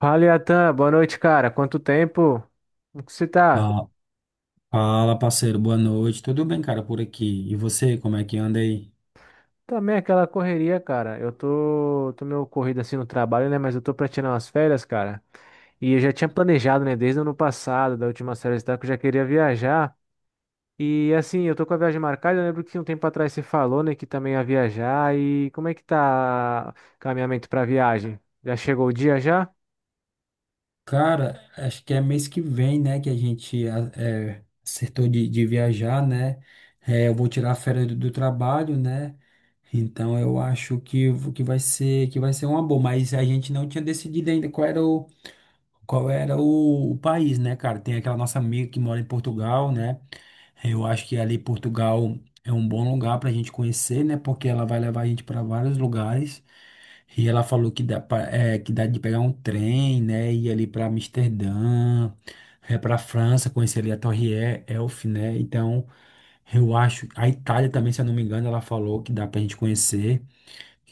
Fala, Yatan. Boa noite, cara. Quanto tempo? Como que você tá? Ah, fala, parceiro, boa noite. Tudo bem, cara, por aqui? E você, como é que anda aí? Também aquela correria, cara. Eu tô meio corrido assim no trabalho, né? Mas eu tô pra tirar umas férias, cara. E eu já tinha planejado, né? Desde o ano passado, da última série que eu já queria viajar. E assim, eu tô com a viagem marcada. Eu lembro que um tempo atrás você falou, né? Que também ia viajar. E como é que tá o caminhamento pra viagem? Já chegou o dia já? Cara, acho que é mês que vem, né, que a gente acertou de viajar, né? É, eu vou tirar a férias do trabalho, né? Então eu acho que vai ser uma boa, mas a gente não tinha decidido ainda qual era o país, né, cara? Tem aquela nossa amiga que mora em Portugal, né? Eu acho que ali Portugal é um bom lugar para a gente conhecer, né? Porque ela vai levar a gente para vários lugares. E ela falou que dá de pegar um trem, né? Ir ali para Amsterdã, para França, conhecer ali a Torre Eiffel, né? Então, eu acho. A Itália também, se eu não me engano, ela falou que dá para a gente conhecer.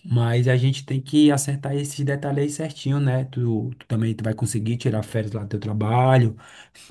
Mas a gente tem que acertar esses detalhes aí certinho, né? Tu vai conseguir tirar férias lá do teu trabalho.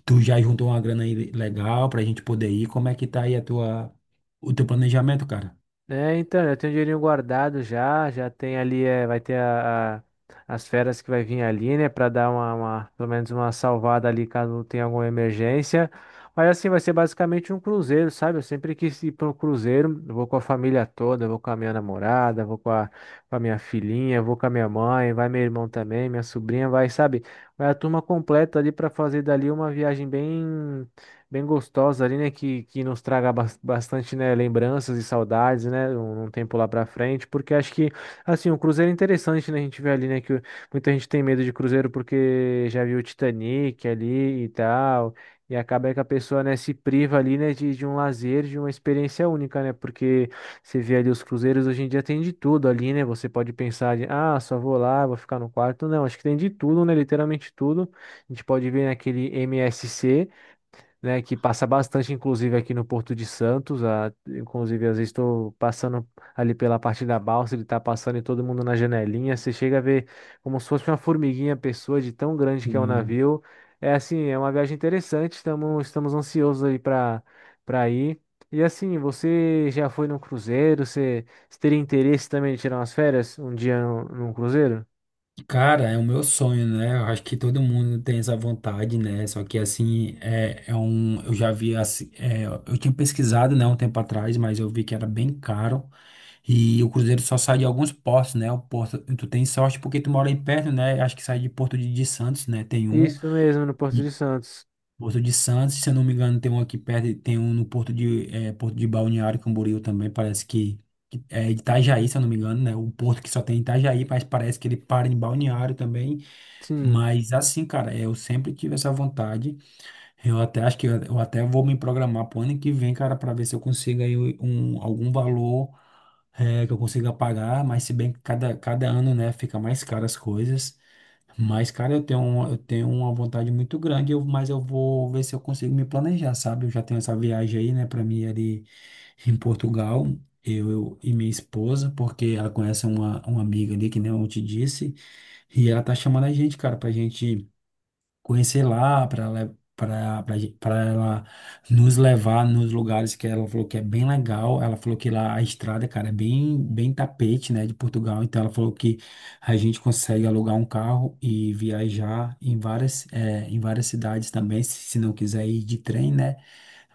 Tu já juntou uma grana aí legal pra gente poder ir. Como é que tá aí a o teu planejamento, cara? É, então, já tenho um dinheirinho guardado, já, já tem ali, é, vai ter as férias que vai vir ali, né? Pra dar pelo menos uma salvada ali, caso tenha alguma emergência. Mas assim, vai ser basicamente um cruzeiro, sabe? Eu sempre quis ir para um cruzeiro. Eu vou com a família toda, eu vou com a minha namorada, eu vou com a minha filhinha, eu vou com a minha mãe, vai meu irmão também, minha sobrinha, vai, sabe? Vai a turma completa ali pra fazer dali uma viagem bem bem gostosa ali, né? Que nos traga bastante, né, lembranças e saudades, né? Um tempo lá pra frente, porque acho que, assim, o cruzeiro é interessante, né? A gente vê ali, né? Que muita gente tem medo de cruzeiro porque já viu o Titanic ali e tal. E acaba que a pessoa, né, se priva ali, né, de um lazer, de uma experiência única, né? Porque você vê ali os cruzeiros, hoje em dia tem de tudo ali, né? Você pode pensar de, ah, só vou lá, vou ficar no quarto. Não, acho que tem de tudo, né? Literalmente tudo. A gente pode ver naquele MSC, né, que passa bastante, inclusive, aqui no Porto de Santos. A, inclusive, às vezes estou passando ali pela parte da balsa, ele está passando e todo mundo na janelinha. Você chega a ver, como se fosse uma formiguinha a pessoa, de tão grande que é o Hum, navio. É assim, é uma viagem interessante. Estamos ansiosos aí para para ir. E assim, você já foi num cruzeiro? Você, você teria interesse também de tirar umas férias um dia num, num cruzeiro? Cara, é o meu sonho, né? Eu acho que todo mundo tem essa vontade, né? Só que assim, eu já vi assim, eu tinha pesquisado, né, um tempo atrás, mas eu vi que era bem caro. E o Cruzeiro só sai de alguns portos, né? O Porto, tu tem sorte porque tu mora aí perto, né? Acho que sai de Porto de Santos, né? Tem um. Isso mesmo, no Porto E de Santos. Porto de Santos, se eu não me engano, tem um aqui perto, e tem um no Porto Porto de Balneário Camboriú também, parece que é Itajaí, se eu não me engano, né? O porto que só tem Itajaí, mas parece que ele para em Balneário também. Sim. Mas assim, cara, eu sempre tive essa vontade. Eu até acho que eu até vou me programar pro ano que vem, cara, para ver se eu consigo aí um, algum valor, que eu consiga pagar, mas se bem que cada ano, né, fica mais caro as coisas. Mas, cara, eu tenho uma vontade muito grande, eu, mas eu vou ver se eu consigo me planejar, sabe? Eu já tenho essa viagem aí, né, para mim ali em Portugal, eu e minha esposa, porque ela conhece uma amiga ali, que nem eu te disse, e ela tá chamando a gente, cara, pra gente conhecer lá, para ela nos levar nos lugares que ela falou que é bem legal. Ela falou que lá a estrada, cara, é bem tapete, né, de Portugal. Então ela falou que a gente consegue alugar um carro e viajar em em várias cidades também, se não quiser ir de trem, né?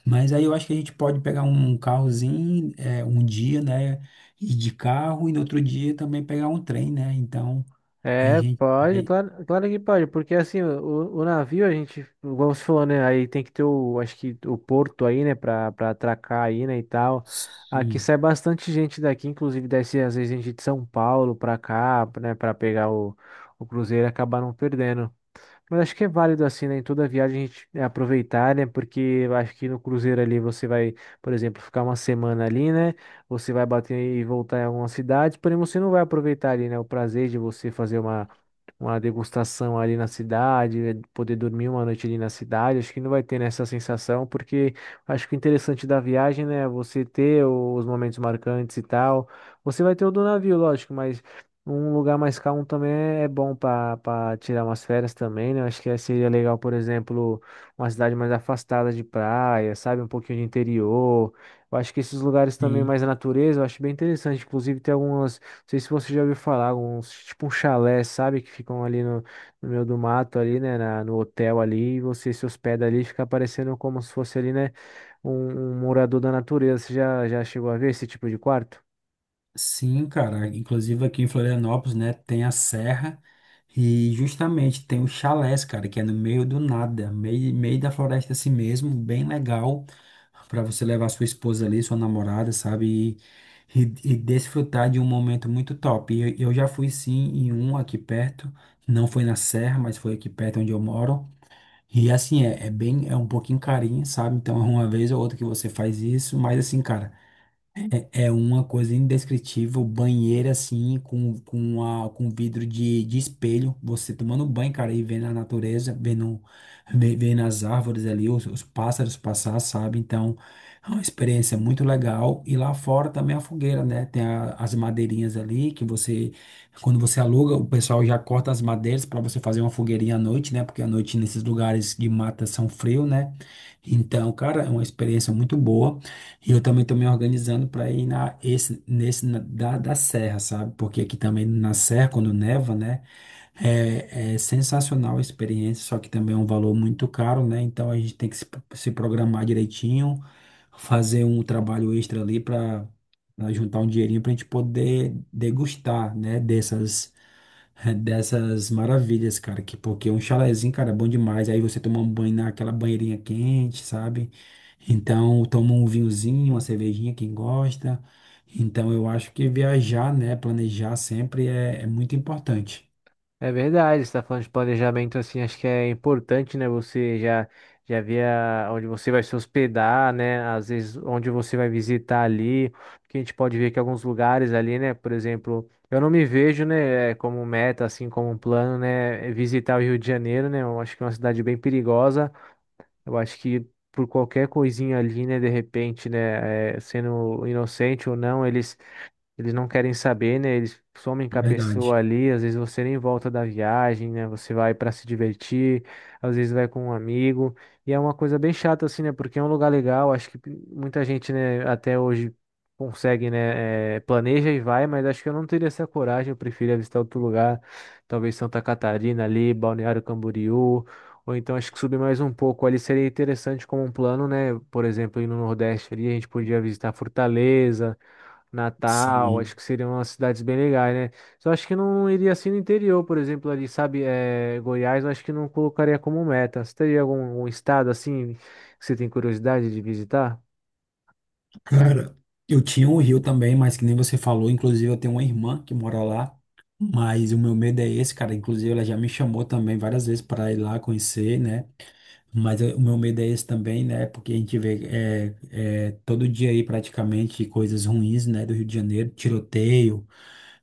Mas aí eu acho que a gente pode pegar um carrozinho, um dia, né, ir de carro e no outro dia também pegar um trem, né? Então a É, gente pode, vai claro, claro que pode, porque assim, o navio a gente, igual você falou, né, aí tem que ter o, acho que o porto aí, né, pra, pra atracar aí, né, e tal. Aqui sim. sai bastante gente daqui, inclusive desce às vezes gente de São Paulo pra cá, né, pra pegar o cruzeiro e acabar não perdendo. Mas acho que é válido assim, né? Em toda viagem a gente é, aproveitar, né? Porque eu acho que no cruzeiro ali você vai, por exemplo, ficar uma semana ali, né? Você vai bater e voltar em alguma cidade, porém você não vai aproveitar ali, né? O prazer de você fazer uma degustação ali na cidade, né, poder dormir uma noite ali na cidade. Acho que não vai ter nessa sensação, porque acho que o interessante da viagem, né? É você ter os momentos marcantes e tal. Você vai ter o do navio, lógico, mas um lugar mais calmo também é é bom para para tirar umas férias também, né? Eu acho que seria legal, por exemplo, uma cidade mais afastada de praia, sabe? Um pouquinho de interior. Eu acho que esses lugares também Sim. mais natureza, eu acho bem interessante. Inclusive, tem algumas, não sei se você já ouviu falar, alguns, tipo um chalé, sabe? Que ficam ali no, no meio do mato, ali, né? No hotel ali, e você se hospeda ali, fica parecendo como se fosse ali, né? Um morador da natureza. Você já, já chegou a ver esse tipo de quarto? Sim, cara. Inclusive aqui em Florianópolis, né, tem a serra e justamente tem o chalés, cara, que é no meio do nada, meio da floresta assim mesmo, bem legal para você levar sua esposa ali, sua namorada, sabe? E desfrutar de um momento muito top. E eu já fui sim em um aqui perto, não foi na serra, mas foi aqui perto onde eu moro. E assim, é bem, é um pouquinho carinho, sabe? Então, é uma vez ou outra que você faz isso, mas assim, cara. É uma coisa indescritível, banheiro assim, com vidro de espelho, você tomando banho, cara, e vendo a natureza, vendo as árvores ali, os pássaros passar, sabe? Então, é uma experiência muito legal. E lá fora também a fogueira, né? Tem as madeirinhas ali, que você, quando você aluga, o pessoal já corta as madeiras para você fazer uma fogueirinha à noite, né? Porque à noite nesses lugares de mata são frio, né? Então, cara, é uma experiência muito boa. E eu também estou me organizando para ir na, esse, nesse na- da, da serra, sabe? Porque aqui também na serra, quando neva, né? É, é sensacional a experiência, só que também é um valor muito caro, né? Então a gente tem que se programar direitinho, fazer um trabalho extra ali para juntar um dinheirinho para a gente poder degustar, né? Dessas maravilhas, cara. Que, porque um chalezinho, cara, é bom demais. Aí você toma um banho naquela banheirinha quente, sabe? Então toma um vinhozinho, uma cervejinha, quem gosta. Então eu acho que viajar, né? Planejar sempre é é muito importante. É verdade, você está falando de planejamento. Assim, acho que é importante, né? Você já já ver onde você vai se hospedar, né? Às vezes onde você vai visitar ali, porque a gente pode ver que alguns lugares ali, né? Por exemplo, eu não me vejo, né, como meta, assim, como um plano, né, visitar o Rio de Janeiro, né? Eu acho que é uma cidade bem perigosa. Eu acho que por qualquer coisinha ali, né? De repente, né, sendo inocente ou não, eles não querem saber, né? Eles somem com a Verdade. pessoa ali, às vezes você nem volta da viagem, né? Você vai para se divertir, às vezes vai com um amigo, e é uma coisa bem chata assim, né? Porque é um lugar legal, acho que muita gente, né, até hoje consegue, né, planeja e vai, mas acho que eu não teria essa coragem, eu prefiro visitar outro lugar, talvez Santa Catarina ali, Balneário Camboriú, ou então acho que subir mais um pouco ali seria interessante como um plano, né? Por exemplo, ir no Nordeste ali, a gente podia visitar Fortaleza, Natal, Sim. acho que seriam umas cidades bem legais, né? Só acho que não iria assim no interior, por exemplo, ali, sabe, é, Goiás, eu acho que não colocaria como meta. Você teria algum, algum estado assim que você tem curiosidade de visitar? Cara, eu tinha um rio também, mas que nem você falou, inclusive eu tenho uma irmã que mora lá, mas o meu medo é esse, cara. Inclusive ela já me chamou também várias vezes para ir lá conhecer, né? O meu medo é esse também, né? Porque a gente vê todo dia aí praticamente coisas ruins, né? Do Rio de Janeiro, tiroteio,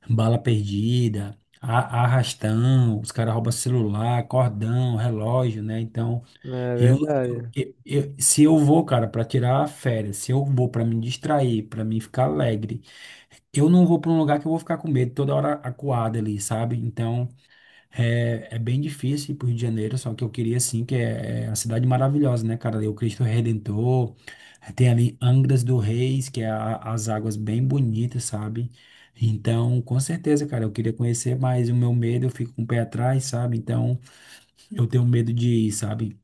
bala perdida, arrastão, os caras roubam celular, cordão, relógio, né? Então. É Eu, verdade. Se eu vou, cara, pra tirar férias, se eu vou pra me distrair, pra mim ficar alegre, eu não vou pra um lugar que eu vou ficar com medo toda hora acuado ali, sabe? Então, é, é bem difícil ir pro Rio de Janeiro, só que eu queria, assim, é a cidade maravilhosa, né, cara? Ali o Cristo Redentor, tem ali Angras do Reis, que é as águas bem bonitas, sabe? Então, com certeza, cara, eu queria conhecer, mas o meu medo, eu fico com o pé atrás, sabe? Então, eu tenho medo de ir, sabe?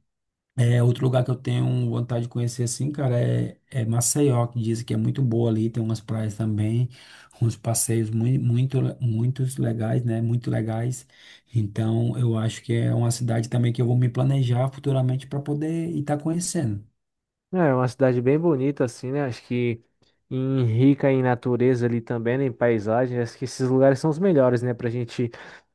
É, outro lugar que eu tenho vontade de conhecer assim, cara, é Maceió, que dizem que é muito boa ali, tem umas praias também, uns passeios muitos legais, né? Muito legais. Então, eu acho que é uma cidade também que eu vou me planejar futuramente para poder estar conhecendo. É é uma cidade bem bonita, assim, né? Acho que em rica em natureza ali também, né? Em paisagem. Acho que esses lugares são os melhores, né? Pra gente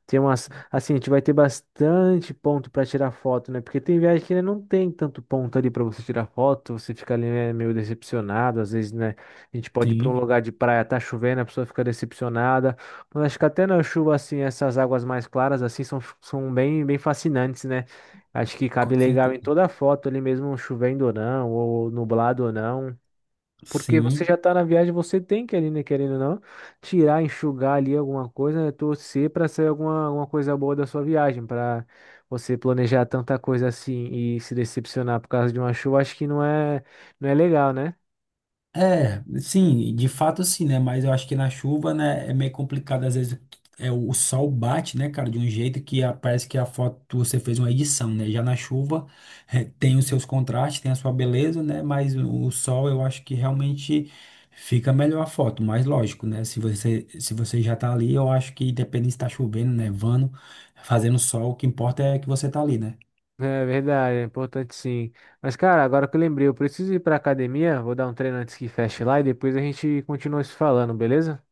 ter umas. Assim, a gente vai ter bastante ponto pra tirar foto, né? Porque tem viagem que né, não tem tanto ponto ali pra você tirar foto. Você fica ali, né, meio decepcionado. Às vezes, né? A gente pode ir pra um Sim, lugar de praia, tá chovendo, a pessoa fica decepcionada. Mas acho que até na chuva, assim, essas águas mais claras, assim, são, são bem, bem fascinantes, né? Acho que cabe com legal em certeza. toda a foto ali mesmo, chovendo ou não, ou nublado ou não. Porque você Sim. já tá na viagem, você tem que ali, né, querendo ou não, tirar, enxugar ali alguma coisa, né, torcer para sair alguma, alguma coisa boa da sua viagem, para você planejar tanta coisa assim e se decepcionar por causa de uma chuva, acho que não é, não é legal, né? É, sim, de fato sim, né? Mas eu acho que na chuva, né, é meio complicado, às vezes o sol bate, né, cara, de um jeito que parece que a foto você fez uma edição, né? Já na chuva tem os seus contrastes, tem a sua beleza, né? Mas o sol eu acho que realmente fica melhor a foto, mas lógico, né? Se você já tá ali, eu acho que independente se tá chovendo, nevando, fazendo sol, o que importa é que você tá ali, né? É verdade, é importante sim. Mas, cara, agora que eu lembrei, eu preciso ir pra academia, vou dar um treino antes que feche lá e depois a gente continua se falando, beleza?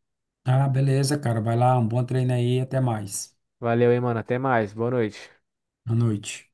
Ah, beleza, cara, vai lá, um bom treino aí, até mais. Valeu, hein, mano, até mais, boa noite. Boa noite.